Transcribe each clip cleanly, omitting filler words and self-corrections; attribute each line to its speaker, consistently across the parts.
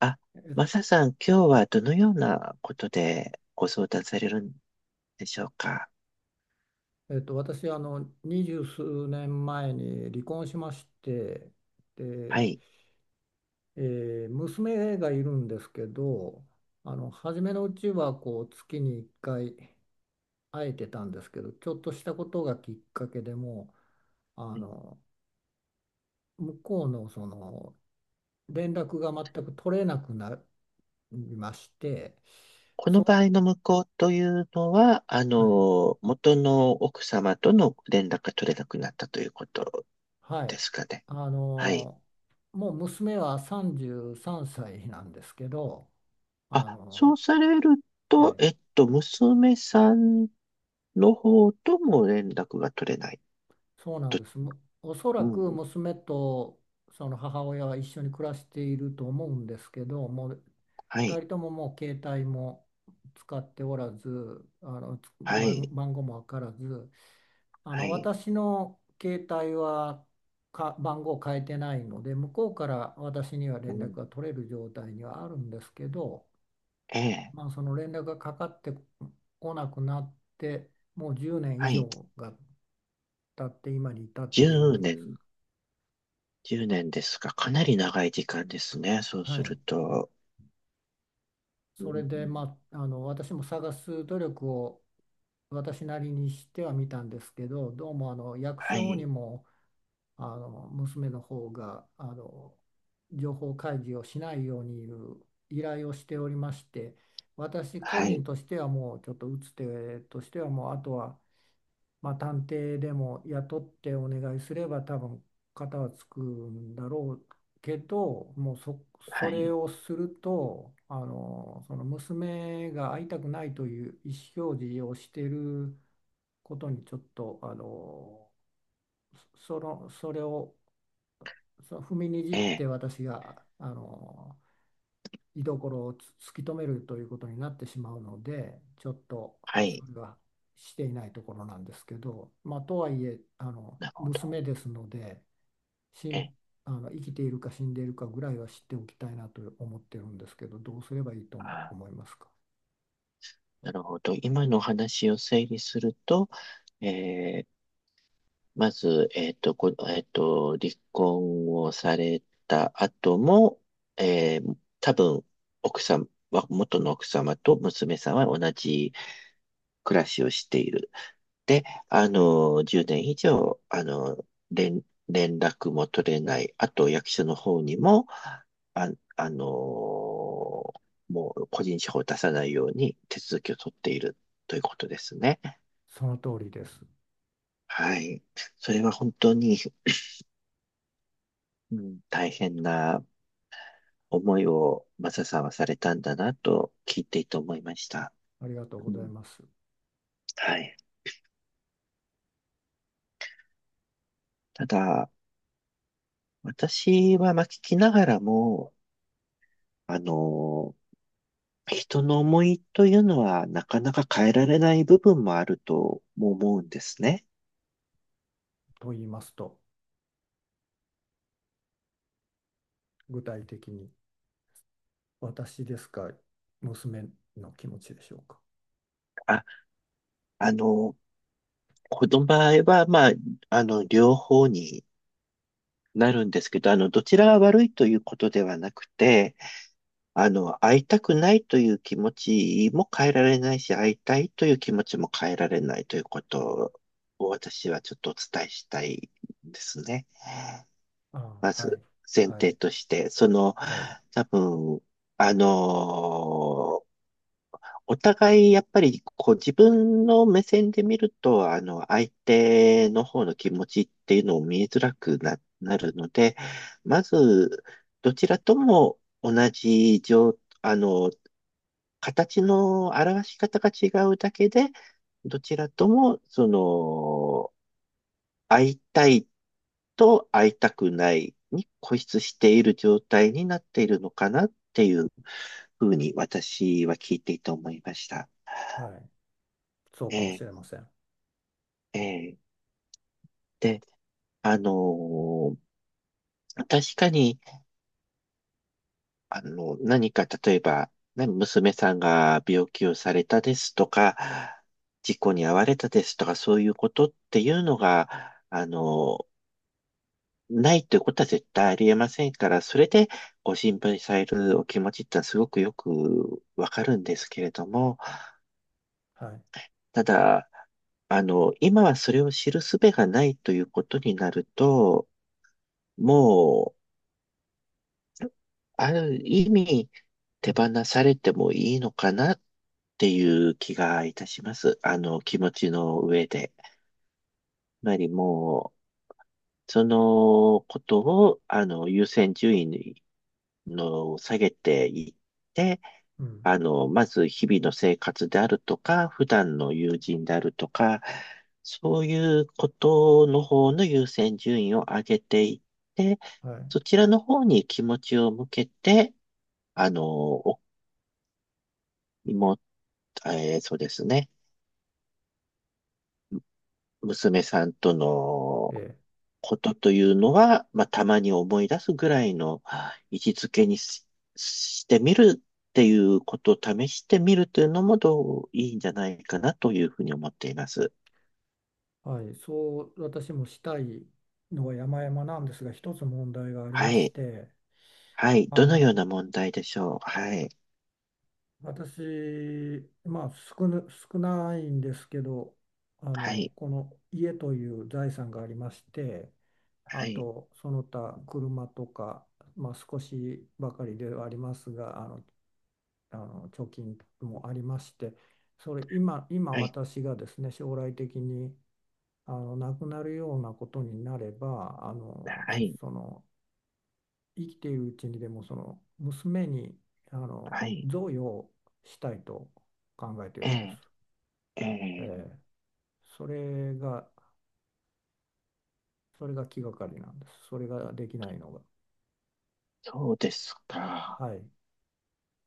Speaker 1: あ、
Speaker 2: え、
Speaker 1: マサさん、今日はどのようなことでご相談されるんでしょうか。
Speaker 2: 私、二十数年前に離婚しまして、
Speaker 1: は
Speaker 2: で、
Speaker 1: い。
Speaker 2: 娘がいるんですけど、初めのうちは、月に1回会えてたんですけど、ちょっとしたことがきっかけでもう、
Speaker 1: はい。
Speaker 2: 向こうの、連絡が全く取れなくなりまして、
Speaker 1: こ
Speaker 2: そ
Speaker 1: の場合の無効というのは、
Speaker 2: う、はい、
Speaker 1: 元の奥様との連絡が取れなくなったということ
Speaker 2: は
Speaker 1: で
Speaker 2: い。
Speaker 1: すかね。
Speaker 2: あ
Speaker 1: はい。
Speaker 2: の、もう娘は33歳なんですけど、
Speaker 1: あ、
Speaker 2: あ
Speaker 1: そ
Speaker 2: の、
Speaker 1: うされる
Speaker 2: え
Speaker 1: と、
Speaker 2: ー
Speaker 1: 娘さんの方とも連絡が取れない
Speaker 2: そうなん
Speaker 1: と。
Speaker 2: です。おそら
Speaker 1: う
Speaker 2: く
Speaker 1: ん。
Speaker 2: 娘とその母親は一緒に暮らしていると思うんですけど、もう
Speaker 1: は
Speaker 2: 2
Speaker 1: い。
Speaker 2: 人とももう携帯も使っておらず、あのつ
Speaker 1: は
Speaker 2: 番、
Speaker 1: い。
Speaker 2: 番号もわからず、
Speaker 1: はい。
Speaker 2: 私の携帯は番号を変えてないので、向こうから私には
Speaker 1: う
Speaker 2: 連絡
Speaker 1: ん。
Speaker 2: が取れる状態にはあるんですけど、
Speaker 1: ええ。
Speaker 2: まあ、その連絡がかかってこなくなって、もう10年以
Speaker 1: はい。
Speaker 2: 上がたって今に至っている
Speaker 1: 10
Speaker 2: んです。
Speaker 1: 年10年ですか。かな
Speaker 2: はい。
Speaker 1: り長い時間ですね。そう
Speaker 2: は
Speaker 1: する
Speaker 2: い。
Speaker 1: と。う
Speaker 2: それ
Speaker 1: ん、
Speaker 2: で、まあ、私も探す努力を私なりにしてはみたんですけど、どうも役
Speaker 1: は
Speaker 2: 所に
Speaker 1: い、
Speaker 2: も娘の方が情報開示をしないようにいう依頼をしておりまして、私個
Speaker 1: は
Speaker 2: 人
Speaker 1: い、
Speaker 2: としてはもうちょっと打つ手としてはもうあとはまあ、探偵でも雇ってお願いすれば多分型はつくんだろうけどもう
Speaker 1: は
Speaker 2: それ
Speaker 1: い、
Speaker 2: をするとその娘が会いたくないという意思表示をしていることにちょっとそれを踏みにじっ
Speaker 1: え
Speaker 2: て
Speaker 1: え、
Speaker 2: 私が居所を突き止めるということになってしまうのでちょっと
Speaker 1: は
Speaker 2: そ
Speaker 1: い、
Speaker 2: れはしていないところなんですけど、まあ、とはいえあの
Speaker 1: なるほど。
Speaker 2: 娘ですのでし
Speaker 1: え
Speaker 2: ん
Speaker 1: え、
Speaker 2: あの生きているか死んでいるかぐらいは知っておきたいなと思ってるんですけど、どうすればいいと
Speaker 1: あ、
Speaker 2: 思いますか？
Speaker 1: なるほど。今のお話を整理すると、ええ、まず、えっと、こ、えっと、離婚をされた後も、ええ、多分、奥さんは、元の奥様と娘さんは同じ暮らしをしている。10年以上、あの、連、連絡も取れない。あと、役所の方にも、あ、あの、もう個人情報を出さないように手続きを取っているということですね。
Speaker 2: その通りです。
Speaker 1: はい。それは本当に、うん、大変な思いをマサさんはされたんだなと聞いていて思いました。
Speaker 2: ありがとう
Speaker 1: う
Speaker 2: ござい
Speaker 1: ん、
Speaker 2: ます。
Speaker 1: はい。ただ、私はまあ聞きながらも、あの人の思いというのはなかなか変えられない部分もあるとも思うんですね。
Speaker 2: と言いますと、具体的に私ですか？娘の気持ちでしょうか？
Speaker 1: あ、あの、この場合は、まあ、両方になるんですけど、どちらが悪いということではなくて、会いたくないという気持ちも変えられないし、会いたいという気持ちも変えられないということを私はちょっとお伝えしたいですね。
Speaker 2: あ
Speaker 1: ま
Speaker 2: あ、は
Speaker 1: ず、
Speaker 2: い、
Speaker 1: 前
Speaker 2: はい、
Speaker 1: 提として、その、
Speaker 2: はい、
Speaker 1: 多分、あのお互い、やっぱり、こう、自分の目線で見ると、相手の方の気持ちっていうのを見えづらくな、なるので、まず、どちらとも同じ状、あの、形の表し方が違うだけで、どちらとも、その、会いたいと会いたくないに固執している状態になっているのかなっていうふうに、私は聞いていて思いました。
Speaker 2: はい、そうかもし
Speaker 1: え
Speaker 2: れ
Speaker 1: え。
Speaker 2: ません。
Speaker 1: ええ。で、あのー確かに、何か、例えば、ね娘さんが病気をされたですとか、事故に遭われたですとか、そういうことっていうのが、あのないということは絶対ありえませんから、それでご心配されるお気持ちってのはすごくよくわかるんですけれども、
Speaker 2: はい。
Speaker 1: ただ、今はそれを知る術がないということになると、もう、ある意味、
Speaker 2: う
Speaker 1: 手
Speaker 2: ん、
Speaker 1: 放されてもいいのかなっていう気がいたします。あの、気持ちの上で。つまりもう、そのことを、優先順位の下げていって、
Speaker 2: うん、
Speaker 1: まず日々の生活であるとか、普段の友人であるとか、そういうことの方の優先順位を上げていって、
Speaker 2: はい、
Speaker 1: そちらの方に気持ちを向けて、あの、お妹、えーそうですね。娘さんとの
Speaker 2: ええ、
Speaker 1: ことというのは、まあ、たまに思い出すぐらいの位置づけにし、してみるっていうことを試してみるというのもどういいんじゃないかなというふうに思っています。
Speaker 2: はい、そう、私もしたいのは山々なんですが、一つ問題があり
Speaker 1: は
Speaker 2: まし
Speaker 1: い。
Speaker 2: て、
Speaker 1: はい。
Speaker 2: あ
Speaker 1: どのよ
Speaker 2: の
Speaker 1: うな問題でしょう。はい。
Speaker 2: 私、まあ少ないんですけど、
Speaker 1: はい。
Speaker 2: この家という財産がありまして、あ
Speaker 1: はい。
Speaker 2: とその他車とか、まあ、少しばかりではありますが、貯金もありまして、それ今、今
Speaker 1: はい。
Speaker 2: 私がですね、将来的に亡くなるようなことになれば
Speaker 1: はい。
Speaker 2: その生きているうちにでもその娘に
Speaker 1: はい。
Speaker 2: 贈与したいと考えてい
Speaker 1: え
Speaker 2: るんです。
Speaker 1: え、え
Speaker 2: え
Speaker 1: え、
Speaker 2: え、それがそれが気がかりなんです。それができないのが。
Speaker 1: そうですか。
Speaker 2: はい、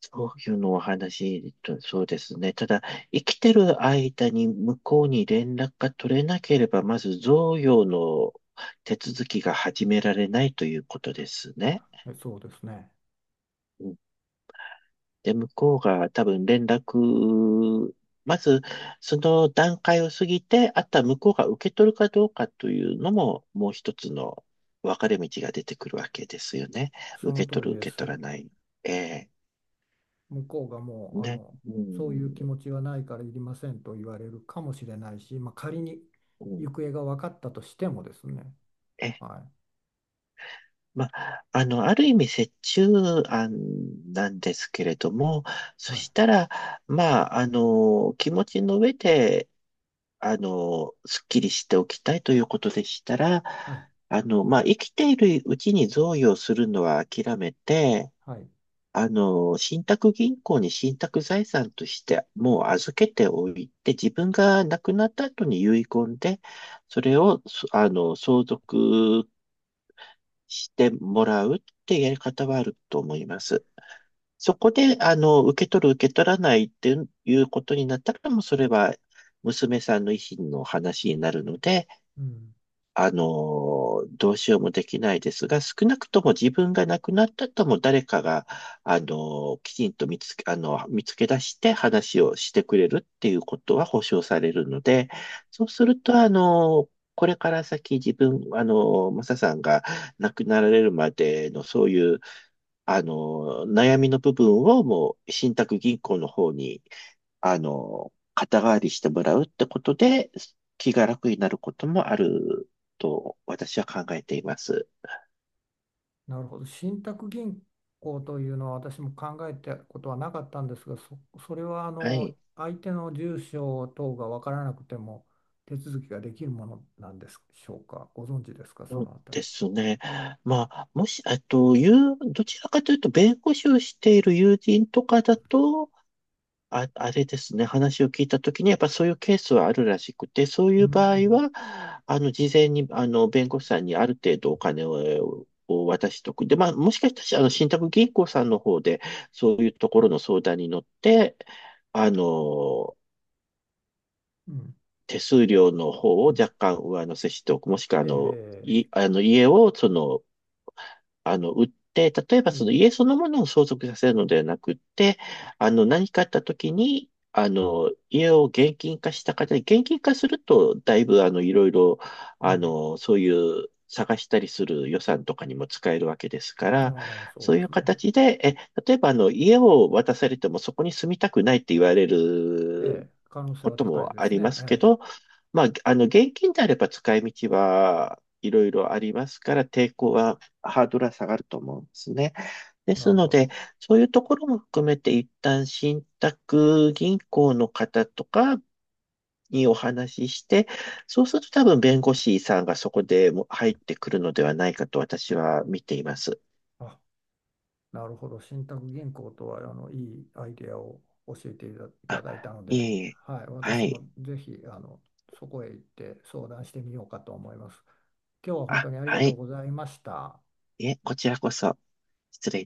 Speaker 1: そういうのお話と、そうですね。ただ、生きてる間に向こうに連絡が取れなければ、まず贈与の手続きが始められないということですね。
Speaker 2: そうですね。
Speaker 1: うん。で、向こうが多分連絡、まずその段階を過ぎて、あとは向こうが受け取るかどうかというのも、もう一つの分かれ道が出てくるわけですよね。
Speaker 2: そ
Speaker 1: 受
Speaker 2: の
Speaker 1: け取
Speaker 2: 通り
Speaker 1: る、
Speaker 2: で
Speaker 1: 受け取
Speaker 2: す。
Speaker 1: らない。ええ。
Speaker 2: 向こうがもう
Speaker 1: ね。う
Speaker 2: そういう気
Speaker 1: ん。
Speaker 2: 持ちはないからいりませんと言われるかもしれないし、まあ、仮に
Speaker 1: うん。
Speaker 2: 行方が分かったとしてもですね。
Speaker 1: え、
Speaker 2: はい、
Speaker 1: まあ、ある意味折衷案なんですけれども、
Speaker 2: は
Speaker 1: そ
Speaker 2: い、
Speaker 1: したら、まあ、気持ちの上で、すっきりしておきたいということでしたら、
Speaker 2: はい、
Speaker 1: 生きているうちに贈与するのは諦めて、
Speaker 2: はい。
Speaker 1: 信託銀行に信託財産としてもう預けておいて、自分が亡くなった後に遺言で、それを、そあの、相続してもらうってやり方はあると思います。そこで、受け取る、受け取らないっていうことになったら、もうそれは娘さんの意思の話になるので、
Speaker 2: うん、
Speaker 1: どうしようもできないですが、少なくとも自分が亡くなったとも誰かが、あの、きちんと見つけ、あの、見つけ出して話をしてくれるっていうことは保証されるので、そうすると、これから先自分、マサさんが亡くなられるまでのそういう、悩みの部分をもう信託銀行の方に肩代わりしてもらうってことで、気が楽になることもあると私は考えています。
Speaker 2: なるほど。信託銀行というのは私も考えたことはなかったんですが、それはあ
Speaker 1: は
Speaker 2: の
Speaker 1: い。
Speaker 2: 相手の住所等が分からなくても手続きができるものなんでしょうか？ご存知ですか、そ
Speaker 1: そう
Speaker 2: のあたり。
Speaker 1: ですね。まあ、もし、どちらかというと、弁護士をしている友人とかだと、あ、あれですね、話を聞いたときに、やっぱそういうケースはあるらしくて、そう
Speaker 2: う
Speaker 1: いう場合
Speaker 2: ん、
Speaker 1: は、事前に、弁護士さんにある程度お金を渡しとく。で、まあ、もしかしたら、信託銀行さんの方で、そういうところの相談に乗って、あの、
Speaker 2: うん、
Speaker 1: 手数料の方
Speaker 2: う
Speaker 1: を
Speaker 2: ん。
Speaker 1: 若干上乗せしておく。もしくは、あ
Speaker 2: え
Speaker 1: の、
Speaker 2: え、
Speaker 1: い、あの、家を売って、例えば
Speaker 2: う
Speaker 1: その
Speaker 2: ん、
Speaker 1: 家そのものを相続させるのではなくって、何かあった時に、家を現金化した方で、現金化すると、だいぶ、あの、いろいろ、
Speaker 2: う
Speaker 1: あ
Speaker 2: ん。
Speaker 1: の、そういう探したりする予算とかにも使えるわけですから、
Speaker 2: ああ、そう
Speaker 1: そう
Speaker 2: で
Speaker 1: いう
Speaker 2: すね。
Speaker 1: 形で、え、例えば、家を渡されてもそこに住みたくないって言われる
Speaker 2: ええ、可能性
Speaker 1: こ
Speaker 2: は
Speaker 1: と
Speaker 2: 高い
Speaker 1: も
Speaker 2: で
Speaker 1: あ
Speaker 2: す
Speaker 1: りま
Speaker 2: ね。
Speaker 1: すけ
Speaker 2: ええ、
Speaker 1: ど、まあ、現金であれば使い道はいろいろありますから、抵抗は、ハードルは下がると思うんですね。で
Speaker 2: な
Speaker 1: す
Speaker 2: る
Speaker 1: の
Speaker 2: ほ
Speaker 1: で、
Speaker 2: ど。
Speaker 1: そういうところも含めて、一旦信託銀行の方とかにお話しして、そうすると多分弁護士さんがそこでも入ってくるのではないかと私は見ています。
Speaker 2: あなるほど。信託銀行とは、あの、いいアイデアを教えていただいたの
Speaker 1: い
Speaker 2: で、
Speaker 1: えいえ。
Speaker 2: はい。
Speaker 1: は
Speaker 2: 私も
Speaker 1: い。
Speaker 2: ぜひ、あの、そこへ行って相談してみようかと思います。今日は本当
Speaker 1: あ、
Speaker 2: にありが
Speaker 1: は
Speaker 2: とう
Speaker 1: い。
Speaker 2: ございました。
Speaker 1: いえ、こちらこそ。失礼いたします。